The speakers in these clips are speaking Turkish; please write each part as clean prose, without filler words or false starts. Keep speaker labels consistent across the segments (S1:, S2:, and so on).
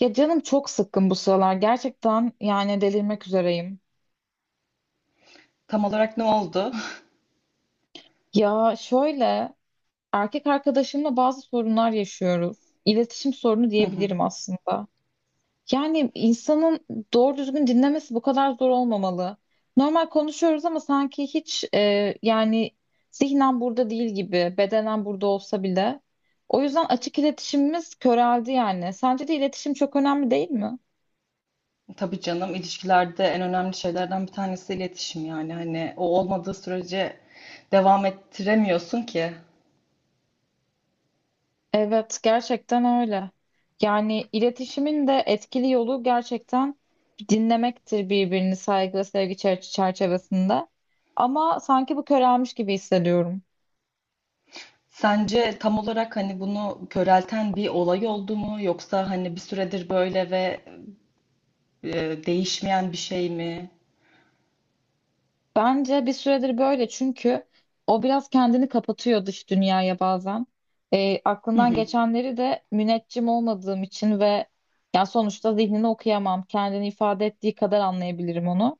S1: Ya canım çok sıkkın bu sıralar. Gerçekten yani delirmek üzereyim.
S2: Tam olarak ne oldu?
S1: Ya şöyle erkek arkadaşımla bazı sorunlar yaşıyoruz. İletişim sorunu
S2: Hı hı.
S1: diyebilirim aslında. Yani insanın doğru düzgün dinlemesi bu kadar zor olmamalı. Normal konuşuyoruz ama sanki hiç yani zihnen burada değil gibi, bedenen burada olsa bile. O yüzden açık iletişimimiz köreldi yani. Sence de iletişim çok önemli değil mi?
S2: Tabii canım, ilişkilerde en önemli şeylerden bir tanesi iletişim, yani hani o olmadığı sürece devam ettiremiyorsun ki.
S1: Evet, gerçekten öyle. Yani iletişimin de etkili yolu gerçekten dinlemektir birbirini saygı ve sevgi çerçevesinde. Ama sanki bu körelmiş gibi hissediyorum.
S2: Sence tam olarak hani bunu körelten bir olay oldu mu, yoksa hani bir süredir böyle ve değişmeyen bir şey mi?
S1: Bence bir süredir böyle çünkü o biraz kendini kapatıyor dış dünyaya bazen. E,
S2: Hı
S1: aklından
S2: hı.
S1: geçenleri de müneccim olmadığım için ve ya sonuçta zihnini okuyamam. Kendini ifade ettiği kadar anlayabilirim onu.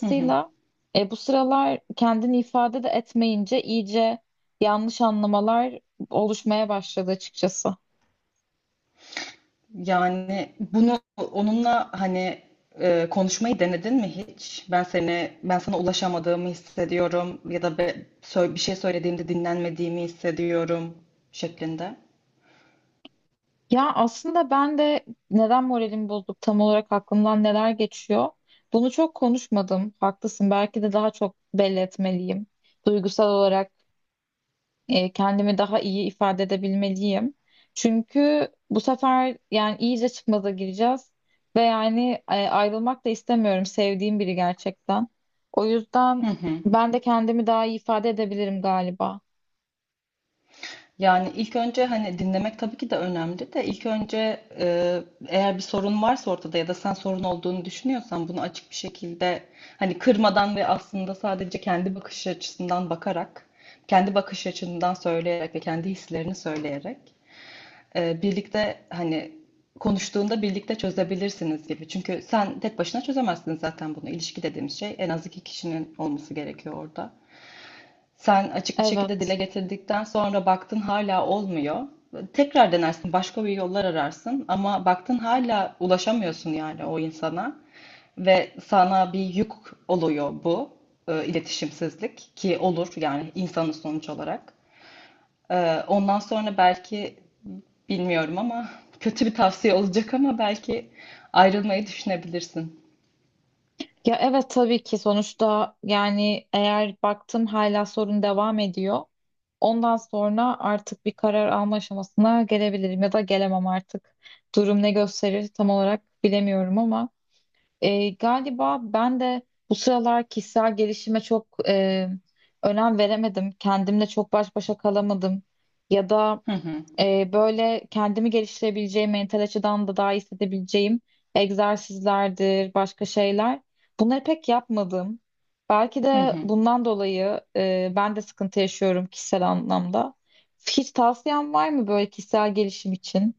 S2: Hı hı.
S1: bu sıralar kendini ifade de etmeyince iyice yanlış anlamalar oluşmaya başladı açıkçası.
S2: Yani bunu onunla hani konuşmayı denedin mi hiç? Ben sana ulaşamadığımı hissediyorum, ya da bir şey söylediğimde dinlenmediğimi hissediyorum şeklinde.
S1: Ya aslında ben de neden moralimi bozduk tam olarak aklımdan neler geçiyor? Bunu çok konuşmadım. Haklısın. Belki de daha çok belli etmeliyim. Duygusal olarak kendimi daha iyi ifade edebilmeliyim. Çünkü bu sefer yani iyice çıkmaza gireceğiz ve yani ayrılmak da istemiyorum sevdiğim biri gerçekten. O yüzden
S2: Hı hı.
S1: ben de kendimi daha iyi ifade edebilirim galiba.
S2: Yani ilk önce hani dinlemek tabii ki de önemli, de ilk önce eğer bir sorun varsa ortada ya da sen sorun olduğunu düşünüyorsan, bunu açık bir şekilde hani kırmadan ve aslında sadece kendi bakış açısından bakarak, kendi bakış açından söyleyerek ve kendi hislerini söyleyerek birlikte hani konuştuğunda birlikte çözebilirsiniz gibi. Çünkü sen tek başına çözemezsin zaten bunu. İlişki dediğimiz şey en az iki kişinin olması gerekiyor orada. Sen açık bir şekilde dile
S1: Evet.
S2: getirdikten sonra baktın hala olmuyor. Tekrar denersin, başka bir yollar ararsın, ama baktın hala ulaşamıyorsun yani o insana ve sana bir yük oluyor bu iletişimsizlik, ki olur yani insanın sonuç olarak. Ondan sonra belki, bilmiyorum ama, kötü bir tavsiye olacak ama belki ayrılmayı düşünebilirsin.
S1: Ya evet tabii ki sonuçta yani eğer baktım hala sorun devam ediyor. Ondan sonra artık bir karar alma aşamasına gelebilirim ya da gelemem artık. Durum ne gösterir tam olarak bilemiyorum ama. E, galiba ben de bu sıralar kişisel gelişime çok önem veremedim. Kendimle çok baş başa kalamadım. Ya da
S2: Hı hı.
S1: böyle kendimi geliştirebileceğim, mental açıdan da daha iyi hissedebileceğim egzersizlerdir, başka şeyler. Bunları pek yapmadım. Belki
S2: Hı
S1: de
S2: hı.
S1: bundan dolayı ben de sıkıntı yaşıyorum kişisel anlamda. Hiç tavsiyen var mı böyle kişisel gelişim için?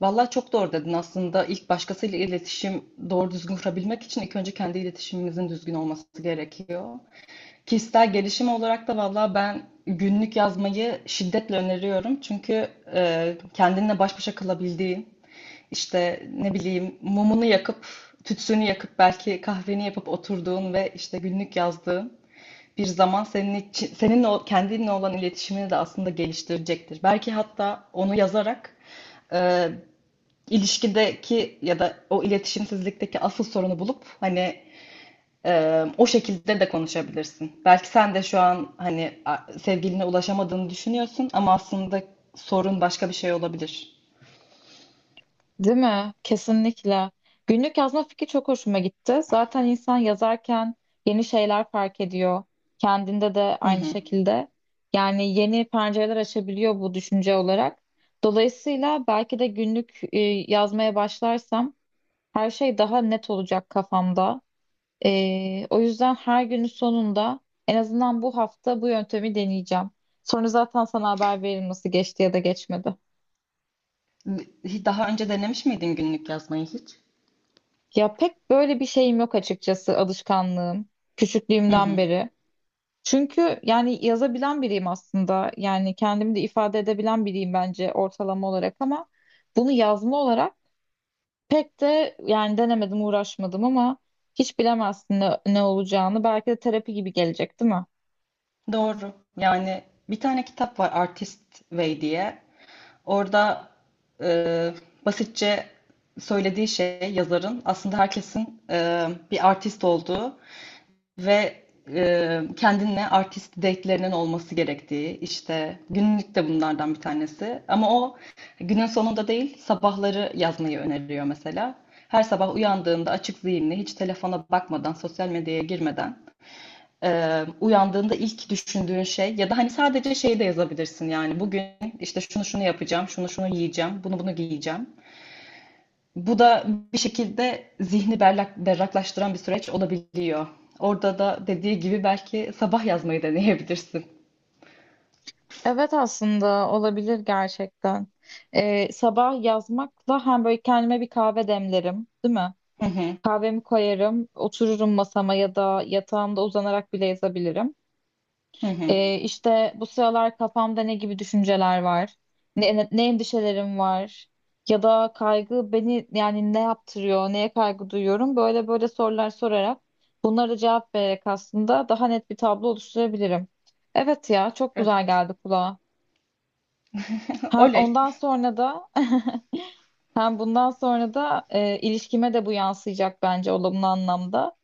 S2: Vallahi çok doğru dedin. Aslında ilk başkasıyla iletişim doğru düzgün kurabilmek için ilk önce kendi iletişimimizin düzgün olması gerekiyor. Kişisel gelişim olarak da valla ben günlük yazmayı şiddetle öneriyorum. Çünkü kendinle baş başa kalabildiğin, işte ne bileyim mumunu yakıp, tütsünü yakıp belki kahveni yapıp oturduğun ve işte günlük yazdığın bir zaman senin için, seninle kendinle olan iletişimini de aslında geliştirecektir. Belki hatta onu yazarak e, ilişkideki ya da o iletişimsizlikteki asıl sorunu bulup hani o şekilde de konuşabilirsin. Belki sen de şu an hani sevgiline ulaşamadığını düşünüyorsun ama aslında sorun başka bir şey olabilir.
S1: Değil mi? Kesinlikle. Günlük yazma fikri çok hoşuma gitti. Zaten insan yazarken yeni şeyler fark ediyor. Kendinde de
S2: Hı
S1: aynı
S2: hı.
S1: şekilde. Yani yeni pencereler açabiliyor bu düşünce olarak. Dolayısıyla belki de günlük yazmaya başlarsam her şey daha net olacak kafamda. E, o yüzden her günün sonunda en azından bu hafta bu yöntemi deneyeceğim. Sonra zaten sana haber veririm nasıl geçti ya da geçmedi.
S2: Daha önce denemiş miydin günlük yazmayı hiç?
S1: Ya pek böyle bir şeyim yok açıkçası alışkanlığım
S2: Hı
S1: küçüklüğümden
S2: hı.
S1: beri. Çünkü yani yazabilen biriyim aslında. Yani kendimi de ifade edebilen biriyim bence ortalama olarak ama bunu yazma olarak pek de yani denemedim, uğraşmadım ama hiç bilemezsin ne olacağını. Belki de terapi gibi gelecek, değil mi?
S2: Doğru. Yani bir tane kitap var, Artist Way diye. Orada e, basitçe söylediği şey, yazarın aslında herkesin bir artist olduğu ve kendinle artist date'lerinin olması gerektiği, işte günlük de bunlardan bir tanesi. Ama o günün sonunda değil, sabahları yazmayı öneriyor mesela. Her sabah uyandığında açık zihinli, hiç telefona bakmadan, sosyal medyaya girmeden, uyandığında ilk düşündüğün şey, ya da hani sadece şeyi de yazabilirsin, yani bugün işte şunu şunu yapacağım, şunu şunu yiyeceğim, bunu bunu giyeceğim. Bu da bir şekilde zihni berraklaştıran bir süreç olabiliyor. Orada da dediği gibi belki sabah yazmayı deneyebilirsin.
S1: Evet aslında olabilir gerçekten. Sabah yazmakla hem böyle kendime bir kahve demlerim, değil mi?
S2: Hı hı,
S1: Kahvemi koyarım, otururum masama ya da yatağımda uzanarak bile yazabilirim.
S2: hı hı.
S1: İşte bu sıralar kafamda ne gibi düşünceler var, endişelerim var ya da kaygı beni yani ne yaptırıyor, neye kaygı duyuyorum böyle böyle sorular sorarak bunlara cevap vererek aslında daha net bir tablo oluşturabilirim. Evet ya çok güzel
S2: Evet.
S1: geldi kulağa. Hem
S2: Oley.
S1: ondan sonra da hem bundan sonra da ilişkime de bu yansıyacak bence olumlu anlamda.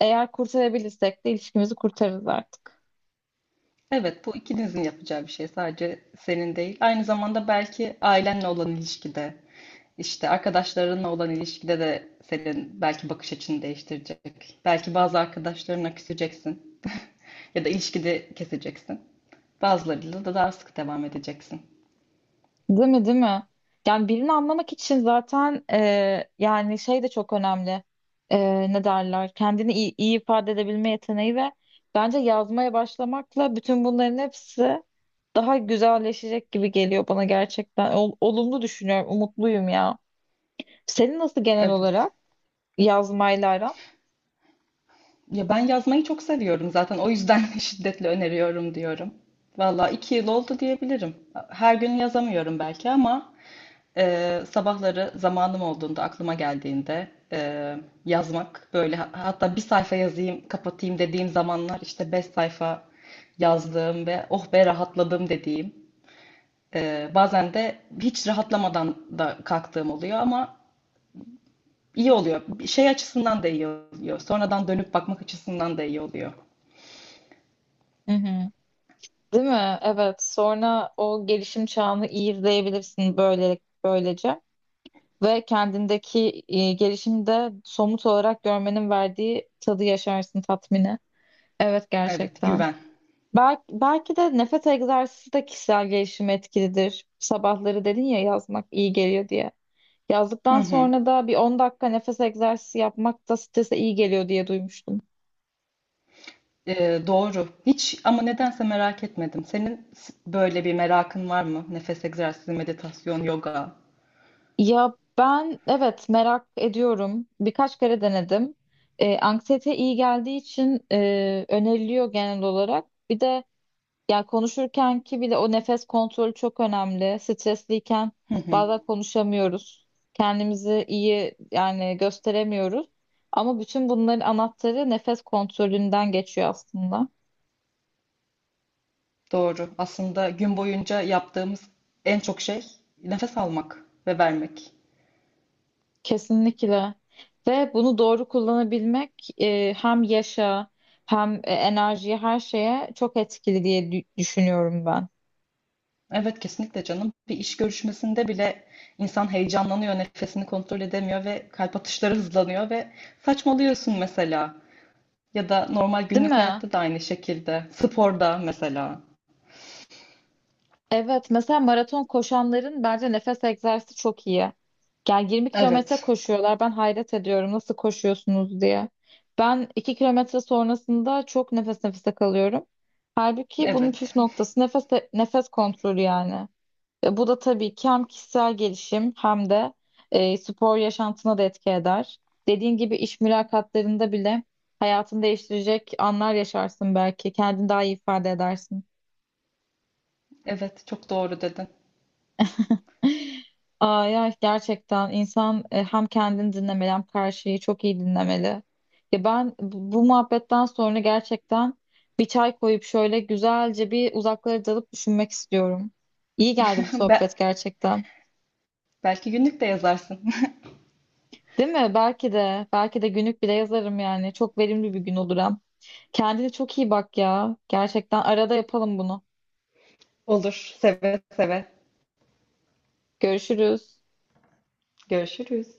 S1: Eğer kurtarabilirsek de ilişkimizi kurtarırız artık.
S2: Evet, bu ikinizin yapacağı bir şey. Sadece senin değil. Aynı zamanda belki ailenle olan ilişkide, işte arkadaşlarınla olan ilişkide de senin belki bakış açını değiştirecek. Belki bazı arkadaşlarına küseceksin ya da ilişkide keseceksin. Bazılarıyla da daha sık devam edeceksin.
S1: Değil mi, değil mi? Yani birini anlamak için zaten yani şey de çok önemli. E, ne derler? Kendini iyi, iyi ifade edebilme yeteneği ve bence yazmaya başlamakla bütün bunların hepsi daha güzelleşecek gibi geliyor bana gerçekten. Olumlu düşünüyorum, umutluyum ya. Senin nasıl genel
S2: Evet.
S1: olarak yazmayla aran?
S2: Ya ben yazmayı çok seviyorum zaten. O yüzden şiddetle öneriyorum diyorum. Valla iki yıl oldu diyebilirim. Her gün yazamıyorum belki ama sabahları zamanım olduğunda, aklıma geldiğinde yazmak böyle, hatta bir sayfa yazayım, kapatayım dediğim zamanlar işte beş sayfa yazdığım ve oh be rahatladım dediğim. Bazen de hiç rahatlamadan da kalktığım oluyor, ama iyi oluyor. Bir şey açısından da iyi oluyor. Sonradan dönüp bakmak açısından da iyi oluyor.
S1: Hı hı. Değil mi? Evet. Sonra o gelişim çağını iyi izleyebilirsin böyle böylece ve kendindeki gelişimi de somut olarak görmenin verdiği tadı yaşarsın tatmini. Evet
S2: Evet,
S1: gerçekten.
S2: güven.
S1: Belki de nefes egzersizi de kişisel gelişime etkilidir. Sabahları dedin ya yazmak iyi geliyor diye.
S2: Hı
S1: Yazdıktan
S2: hı.
S1: sonra da bir 10 dakika nefes egzersizi yapmak da strese iyi geliyor diye duymuştum.
S2: Doğru. Hiç ama nedense merak etmedim. Senin böyle bir merakın var mı? Nefes egzersizi, meditasyon, yoga.
S1: Ya ben evet merak ediyorum. Birkaç kere denedim. E, anksiyete iyi geldiği için öneriliyor genel olarak. Bir de ya konuşurken ki bile o nefes kontrolü çok önemli. Stresliyken
S2: Hı hı.
S1: bazen konuşamıyoruz. Kendimizi iyi yani gösteremiyoruz. Ama bütün bunların anahtarı nefes kontrolünden geçiyor aslında.
S2: Doğru. Aslında gün boyunca yaptığımız en çok şey nefes almak ve vermek.
S1: Kesinlikle. Ve bunu doğru kullanabilmek hem yaşa hem enerjiye her şeye çok etkili diye düşünüyorum ben.
S2: Evet, kesinlikle canım. Bir iş görüşmesinde bile insan heyecanlanıyor, nefesini kontrol edemiyor ve kalp atışları hızlanıyor ve saçmalıyorsun mesela. Ya da normal
S1: Değil
S2: günlük
S1: mi?
S2: hayatta da aynı şekilde. Sporda mesela.
S1: Evet. Mesela maraton koşanların bence nefes egzersizi çok iyi. Yani 20 kilometre
S2: Evet.
S1: koşuyorlar. Ben hayret ediyorum nasıl koşuyorsunuz diye. Ben 2 kilometre sonrasında çok nefes nefese kalıyorum. Halbuki bunun
S2: Evet.
S1: püf noktası nefes kontrolü yani. E, bu da tabii ki hem kişisel gelişim hem de spor yaşantına da etki eder. Dediğin gibi iş mülakatlarında bile hayatını değiştirecek anlar yaşarsın belki. Kendini daha iyi ifade edersin.
S2: Evet, çok doğru dedin.
S1: Aa, ya gerçekten insan hem kendini dinlemeli hem karşıyı çok iyi dinlemeli. Ya ben bu muhabbetten sonra gerçekten bir çay koyup şöyle güzelce bir uzaklara dalıp düşünmek istiyorum. İyi geldi bu
S2: Be
S1: sohbet gerçekten.
S2: Belki günlük de yazarsın.
S1: Değil mi? Belki de. Belki de günlük bile yazarım yani. Çok verimli bir gün olur hem. Kendine çok iyi bak ya. Gerçekten arada yapalım bunu.
S2: Olur, seve seve.
S1: Görüşürüz.
S2: Görüşürüz.